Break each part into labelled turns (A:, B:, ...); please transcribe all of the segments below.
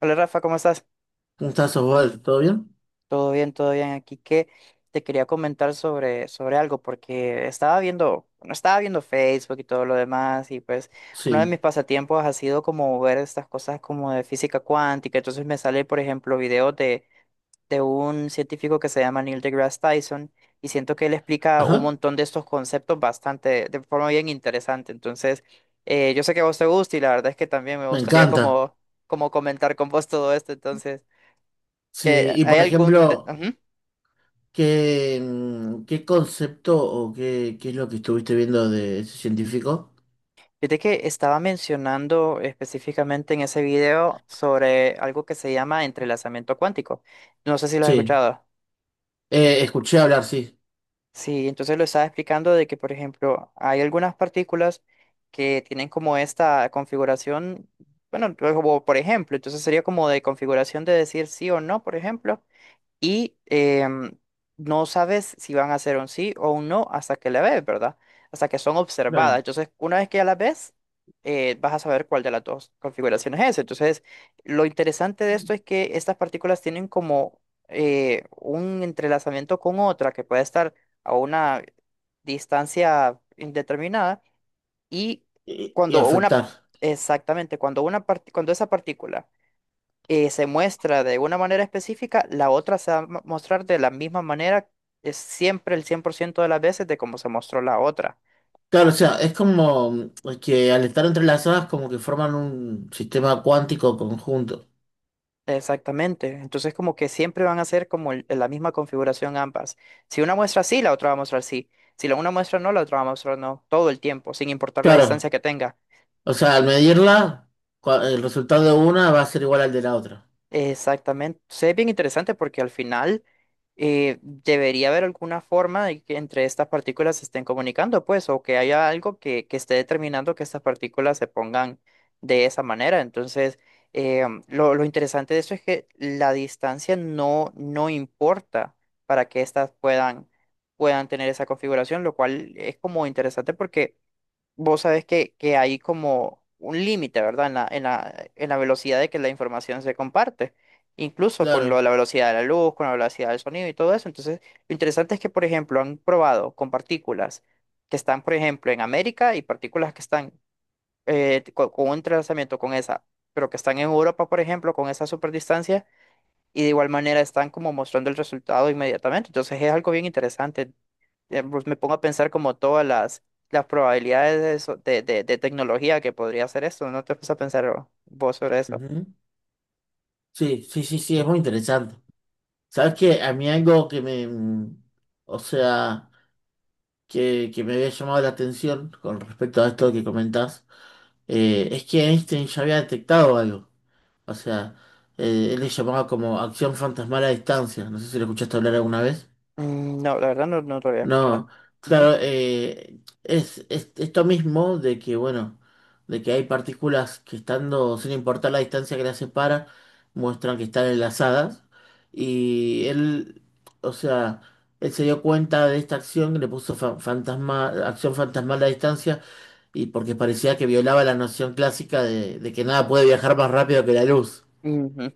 A: Hola Rafa, ¿cómo estás?
B: Un estás, Osvaldo? ¿Todo bien?
A: Todo bien, todo bien. Aquí que te quería comentar sobre algo, porque bueno, estaba viendo Facebook y todo lo demás, y pues uno de mis
B: Sí.
A: pasatiempos ha sido como ver estas cosas como de física cuántica. Entonces me sale, por ejemplo, videos de un científico que se llama Neil deGrasse Tyson, y siento que él explica un
B: Ajá,
A: montón de estos conceptos bastante, de forma bien interesante. Entonces, yo sé que a vos te gusta, y la verdad es que también me
B: me
A: gustaría
B: encanta.
A: como comentar con vos todo esto, entonces.
B: Sí,
A: Que
B: y
A: hay
B: por
A: algún... te-
B: ejemplo,
A: Ujú.
B: ¿qué, qué concepto o qué es lo que estuviste viendo de ese científico?
A: Fíjate que estaba mencionando específicamente en ese video sobre algo que se llama entrelazamiento cuántico. No sé si lo has
B: Sí,
A: escuchado.
B: Escuché hablar, sí,
A: Sí, entonces lo estaba explicando de que, por ejemplo, hay algunas partículas que tienen como esta configuración, bueno, como por ejemplo, entonces sería como de configuración de decir sí o no, por ejemplo. Y no sabes si van a ser un sí o un no hasta que la ves, ¿verdad? Hasta que son observadas.
B: claro.
A: Entonces, una vez que ya las ves, vas a saber cuál de las dos configuraciones es. Entonces, lo interesante de esto es que estas partículas tienen como un entrelazamiento con otra que puede estar a una distancia indeterminada y
B: Y
A: cuando una,
B: afectar.
A: exactamente, cuando esa partícula se muestra de una manera específica, la otra se va a mostrar de la misma manera, es siempre el 100% de las veces de cómo se mostró la otra.
B: Claro, o sea, es como que al estar entrelazadas como que forman un sistema cuántico conjunto.
A: Exactamente. Entonces, como que siempre van a ser como la misma configuración ambas. Si una muestra sí, la otra va a mostrar sí. Si la una muestra no, la otra va a mostrar no, todo el tiempo, sin importar la distancia
B: Claro,
A: que tenga.
B: o sea, al medirla, cua- el resultado de una va a ser igual al de la otra.
A: Exactamente. Sí, es bien interesante porque al final debería haber alguna forma de que entre estas partículas se estén comunicando, pues, o que haya algo que esté determinando que estas partículas se pongan de esa manera. Entonces, lo interesante de esto es que la distancia no importa para que estas puedan tener esa configuración, lo cual es como interesante porque vos sabés que hay como un límite, ¿verdad? En la velocidad de que la información se comparte, incluso con lo de
B: Claro.
A: la velocidad de la luz, con la velocidad del sonido y todo eso. Entonces, lo interesante es que, por ejemplo, han probado con partículas que están, por ejemplo, en América y partículas que están con, un trazamiento con esa, pero que están en Europa, por ejemplo, con esa superdistancia, y de igual manera están como mostrando el resultado inmediatamente. Entonces, es algo bien interesante, pues me pongo a pensar como todas las probabilidades de, eso- de tecnología que podría hacer esto. ¿No te puse a pensar vos sobre eso?
B: Ujú. Sí, sí, sí, sí, es muy interesante. ¿Sabes qué? A mí algo que me, o sea, que me había llamado la atención con respecto a esto que comentás, es que Einstein ya había detectado algo. O sea, él le llamaba como acción fantasmal a distancia. No sé si lo escuchaste hablar alguna vez.
A: No, la verdad no, lo había escuchado.
B: No,
A: Ujú.
B: claro, es esto mismo de que, bueno, de que hay partículas que estando, sin importar la distancia que las separa, muestran que están enlazadas. Y él, o sea, él se dio cuenta de esta acción, le puso fa- fantasma, acción fantasmal a la distancia, y porque parecía que violaba la noción clásica de que nada puede viajar más rápido que la luz.
A: Ujú.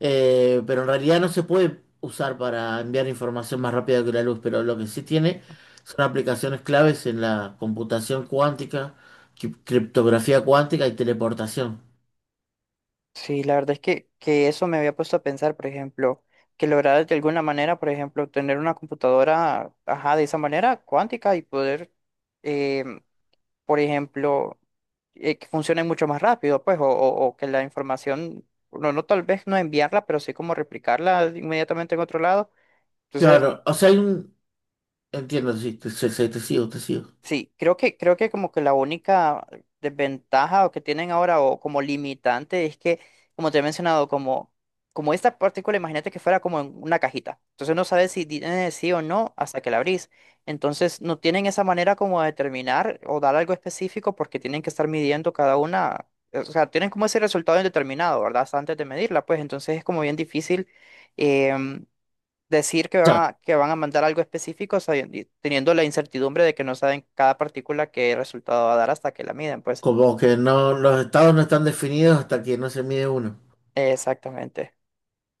B: Pero en realidad no se puede usar para enviar información más rápida que la luz, pero lo que sí tiene son aplicaciones claves en la computación cuántica, cri- criptografía cuántica y teleportación.
A: Sí, la verdad es que eso me había puesto a pensar, por ejemplo, que lograr de alguna manera, por ejemplo, tener una computadora, ajá, de esa manera, cuántica y poder em, por ejemplo, que funcione mucho más rápido, pues, o que la información, no tal vez no enviarla, pero sí como replicarla inmediatamente en otro lado. Entonces,
B: Claro, o sea, hay un... Entiendo, sí, te, sí, sí, te sigo, te sigo. O
A: sí, creo que, como que la única desventaja o que tienen ahora o como limitante es que, como te he mencionado, como esta partícula, imagínate que fuera como en una cajita. Entonces no sabes si tiene sí o no hasta que la abrís. Entonces no tienen esa manera como de determinar o dar algo específico porque tienen que estar midiendo cada una. O sea, tienen como ese resultado indeterminado, ¿verdad? Hasta antes de medirla, pues entonces es como bien difícil. em, decir que van
B: sea,
A: a, mandar algo específico, y teniendo la incertidumbre de que no saben cada partícula qué resultado va a dar hasta que la miden, pues.
B: como que no, los estados no están definidos hasta que no se mide uno.
A: Exactamente.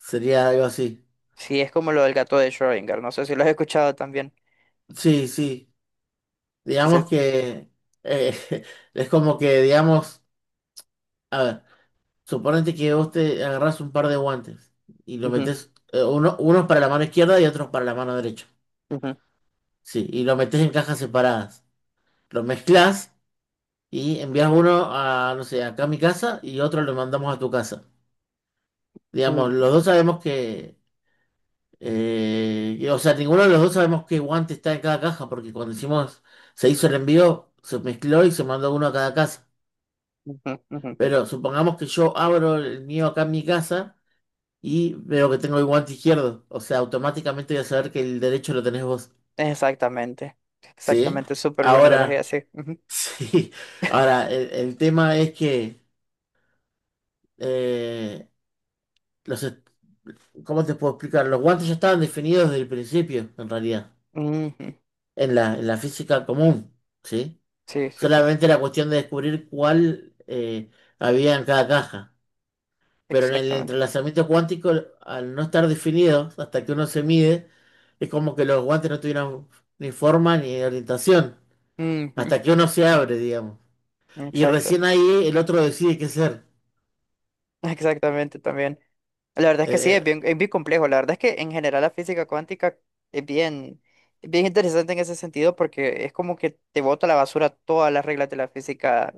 B: Sería algo así.
A: Sí, es como lo del gato de Schrödinger, no sé si lo has escuchado también.
B: Sí, sí. Digamos
A: Entonces,
B: que eh, es como que, digamos, a ver. Suponete que vos te agarrás un par de guantes y lo
A: ujú,
B: metes, uno, unos para la mano izquierda y otros para la mano derecha.
A: ujú,
B: Sí, y lo metes en cajas separadas. Lo mezclas y envías uno a, no sé, acá a mi casa y otro lo mandamos a tu casa. Digamos,
A: ujú,
B: los dos sabemos que- o sea, ninguno de los dos sabemos qué guante está en cada caja porque cuando hicimos, se hizo el envío, se mezcló y se mandó uno a cada casa.
A: ujú, ujú.
B: Pero supongamos que yo abro el mío acá en mi casa y veo que tengo el guante izquierdo. O sea, automáticamente voy a saber que el derecho lo tenés vos.
A: Exactamente,
B: ¿Sí?
A: exactamente, súper buena analogía,
B: Ahora,
A: sí. Ujú,
B: sí. Ahora, el tema es que, eh, los, est- ¿cómo te puedo explicar? Los guantes ya estaban definidos desde el principio, en realidad,
A: ujú.
B: en la física común, ¿sí?
A: Sí, sí, sí,
B: Solamente era cuestión de descubrir cuál había en cada caja. Pero en el
A: exactamente.
B: entrelazamiento cuántico, al no estar definido, hasta que uno se mide, es como que los guantes no tuvieron ni forma ni orientación,
A: Ujú,
B: hasta que uno se abre, digamos. Y
A: exacto,
B: recién ahí el otro decide qué ser.
A: exactamente también. La verdad es que sí, es
B: Eh,
A: bien, es bien complejo. La verdad es que en general la física cuántica es bien, es bien interesante en ese sentido porque es como que te bota a la basura todas las reglas de la física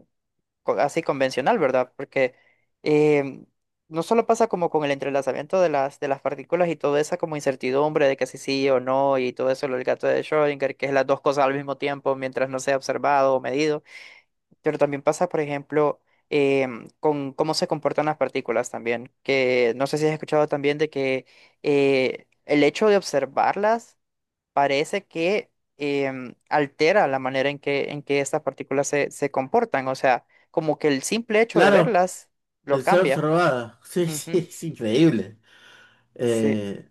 A: así convencional, ¿verdad? Porque em, no solo pasa como con el entrelazamiento de las partículas y toda esa como incertidumbre de que si sí o no y todo eso, lo del gato de Schrödinger, que es las dos cosas al mismo tiempo mientras no sea observado o medido, pero también pasa, por ejemplo, con cómo se comportan las partículas también, que no sé si has escuchado también de que el hecho de observarlas parece que altera la manera en que estas partículas se comportan, o sea, como que el simple hecho de
B: claro,
A: verlas lo
B: el ser
A: cambia.
B: observada. Sí, sí,
A: Ujú.
B: es increíble.
A: Sí,
B: Eh,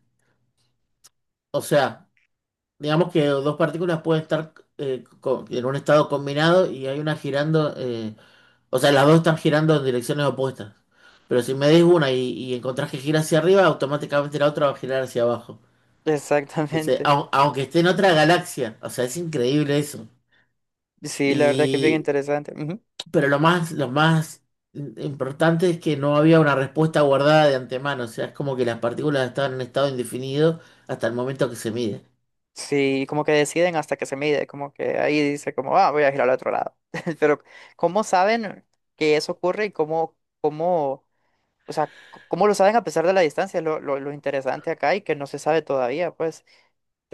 B: o sea, digamos que dos partículas pueden estar co- en un estado combinado y hay una girando, o sea, las dos están girando en direcciones opuestas. Pero si me des una y encontrás que gira hacia arriba, automáticamente la otra va a girar hacia abajo. Dice,
A: exactamente.
B: "Au- aunque esté en otra galaxia, o sea, es increíble eso.
A: Sí, la verdad que es bien
B: Y,
A: interesante. Ujú.
B: pero lo más importante es que no había una respuesta guardada de antemano, o sea, es como que las partículas estaban en estado indefinido hasta el momento que se mide.
A: Sí, como que deciden hasta que se mide, como que ahí dice como, ah, voy a girar al otro lado. Pero, ¿cómo saben que eso ocurre y cómo, o sea, cómo lo saben a pesar de la distancia? Lo interesante acá y que no se sabe todavía, pues,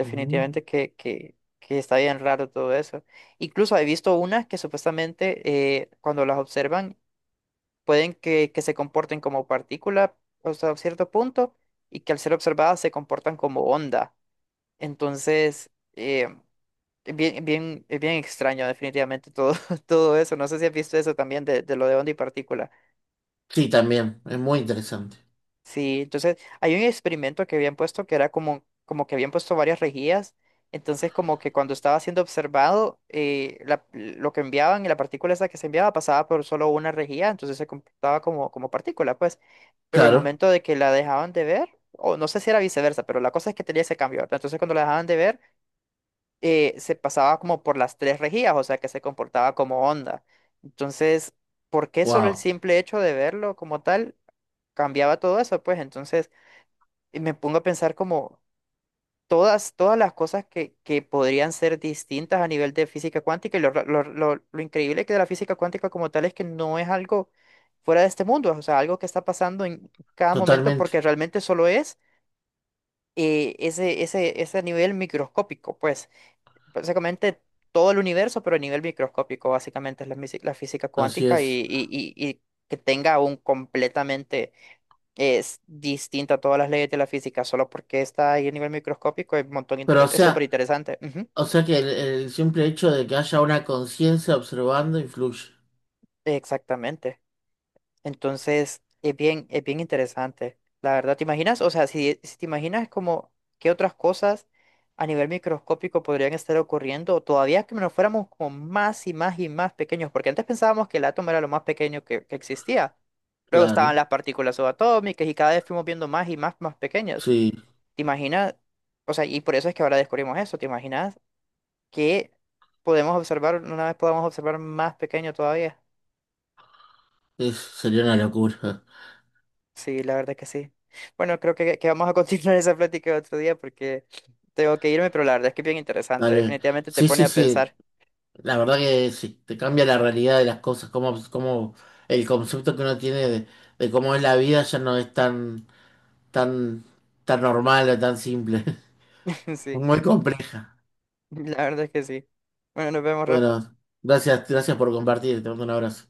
B: Ujú.
A: que está bien raro todo eso. Incluso he visto unas que supuestamente, cuando las observan, pueden que se comporten como partícula hasta cierto punto y que al ser observadas se comportan como onda. Entonces... eh, Bien, bien, es bien extraño, definitivamente, todo, todo eso. No sé si has visto eso también de, lo de onda y partícula.
B: Sí, también, es muy interesante.
A: Sí, entonces hay un experimento que habían puesto que era como que habían puesto varias rejillas. Entonces, como que cuando estaba siendo observado, lo que enviaban y la partícula esa que se enviaba pasaba por solo una rejilla, entonces se comportaba como partícula, pues. Pero el
B: Claro,
A: momento de que la dejaban de ver, o no sé si era viceversa, pero la cosa es que tenía ese cambio, ¿verdad? Entonces, cuando la dejaban de ver, se pasaba como por las tres rejillas, o sea que se comportaba como onda. Entonces, ¿por qué solo el
B: wow,
A: simple hecho de verlo como tal cambiaba todo eso? Pues entonces y me pongo a pensar como todas las cosas que podrían ser distintas a nivel de física cuántica, y lo increíble que de la física cuántica como tal es que no es algo fuera de este mundo, o sea, algo que está pasando en cada momento
B: totalmente,
A: porque realmente solo es, ese nivel microscópico, pues básicamente todo el universo, pero a nivel microscópico, básicamente es la física
B: así
A: cuántica y,
B: es.
A: y- y- y que tenga un completamente es distinta a todas las leyes de la física, solo porque está ahí a nivel microscópico, es un montón
B: Pero
A: es súper interesante. Ujú,
B: o sea que el simple hecho de que haya una conciencia observando influye.
A: exactamente. Entonces, es bien interesante. La verdad, ¿te imaginas? O sea, si te imaginas como qué otras cosas a nivel microscópico podrían estar ocurriendo, todavía que nos fuéramos como más y más y más pequeños, porque antes pensábamos que el átomo era lo más pequeño que existía. Luego estaban
B: Claro,
A: las partículas subatómicas y cada vez fuimos viendo más y más, más pequeños.
B: sí,
A: ¿Te imaginas? O sea, y por eso es que ahora descubrimos eso. ¿Te imaginas que podemos observar, una vez podamos observar más pequeño todavía?
B: es- sería una locura.
A: Sí, la verdad que sí. Bueno, creo que vamos a continuar esa plática otro día porque tengo que irme, pero la verdad es que es bien interesante.
B: Vale,
A: Definitivamente te
B: sí,
A: pone
B: sí,
A: a
B: sí.
A: pensar.
B: La verdad que sí, te cambia la realidad de las cosas, cómo, cómo el concepto que uno tiene de cómo es la vida ya no es tan, tan, tan normal o tan simple,
A: Sí,
B: muy compleja.
A: la verdad es que sí. Bueno, nos vemos, Rafa.
B: Bueno, gracias, gracias por compartir, te mando un abrazo.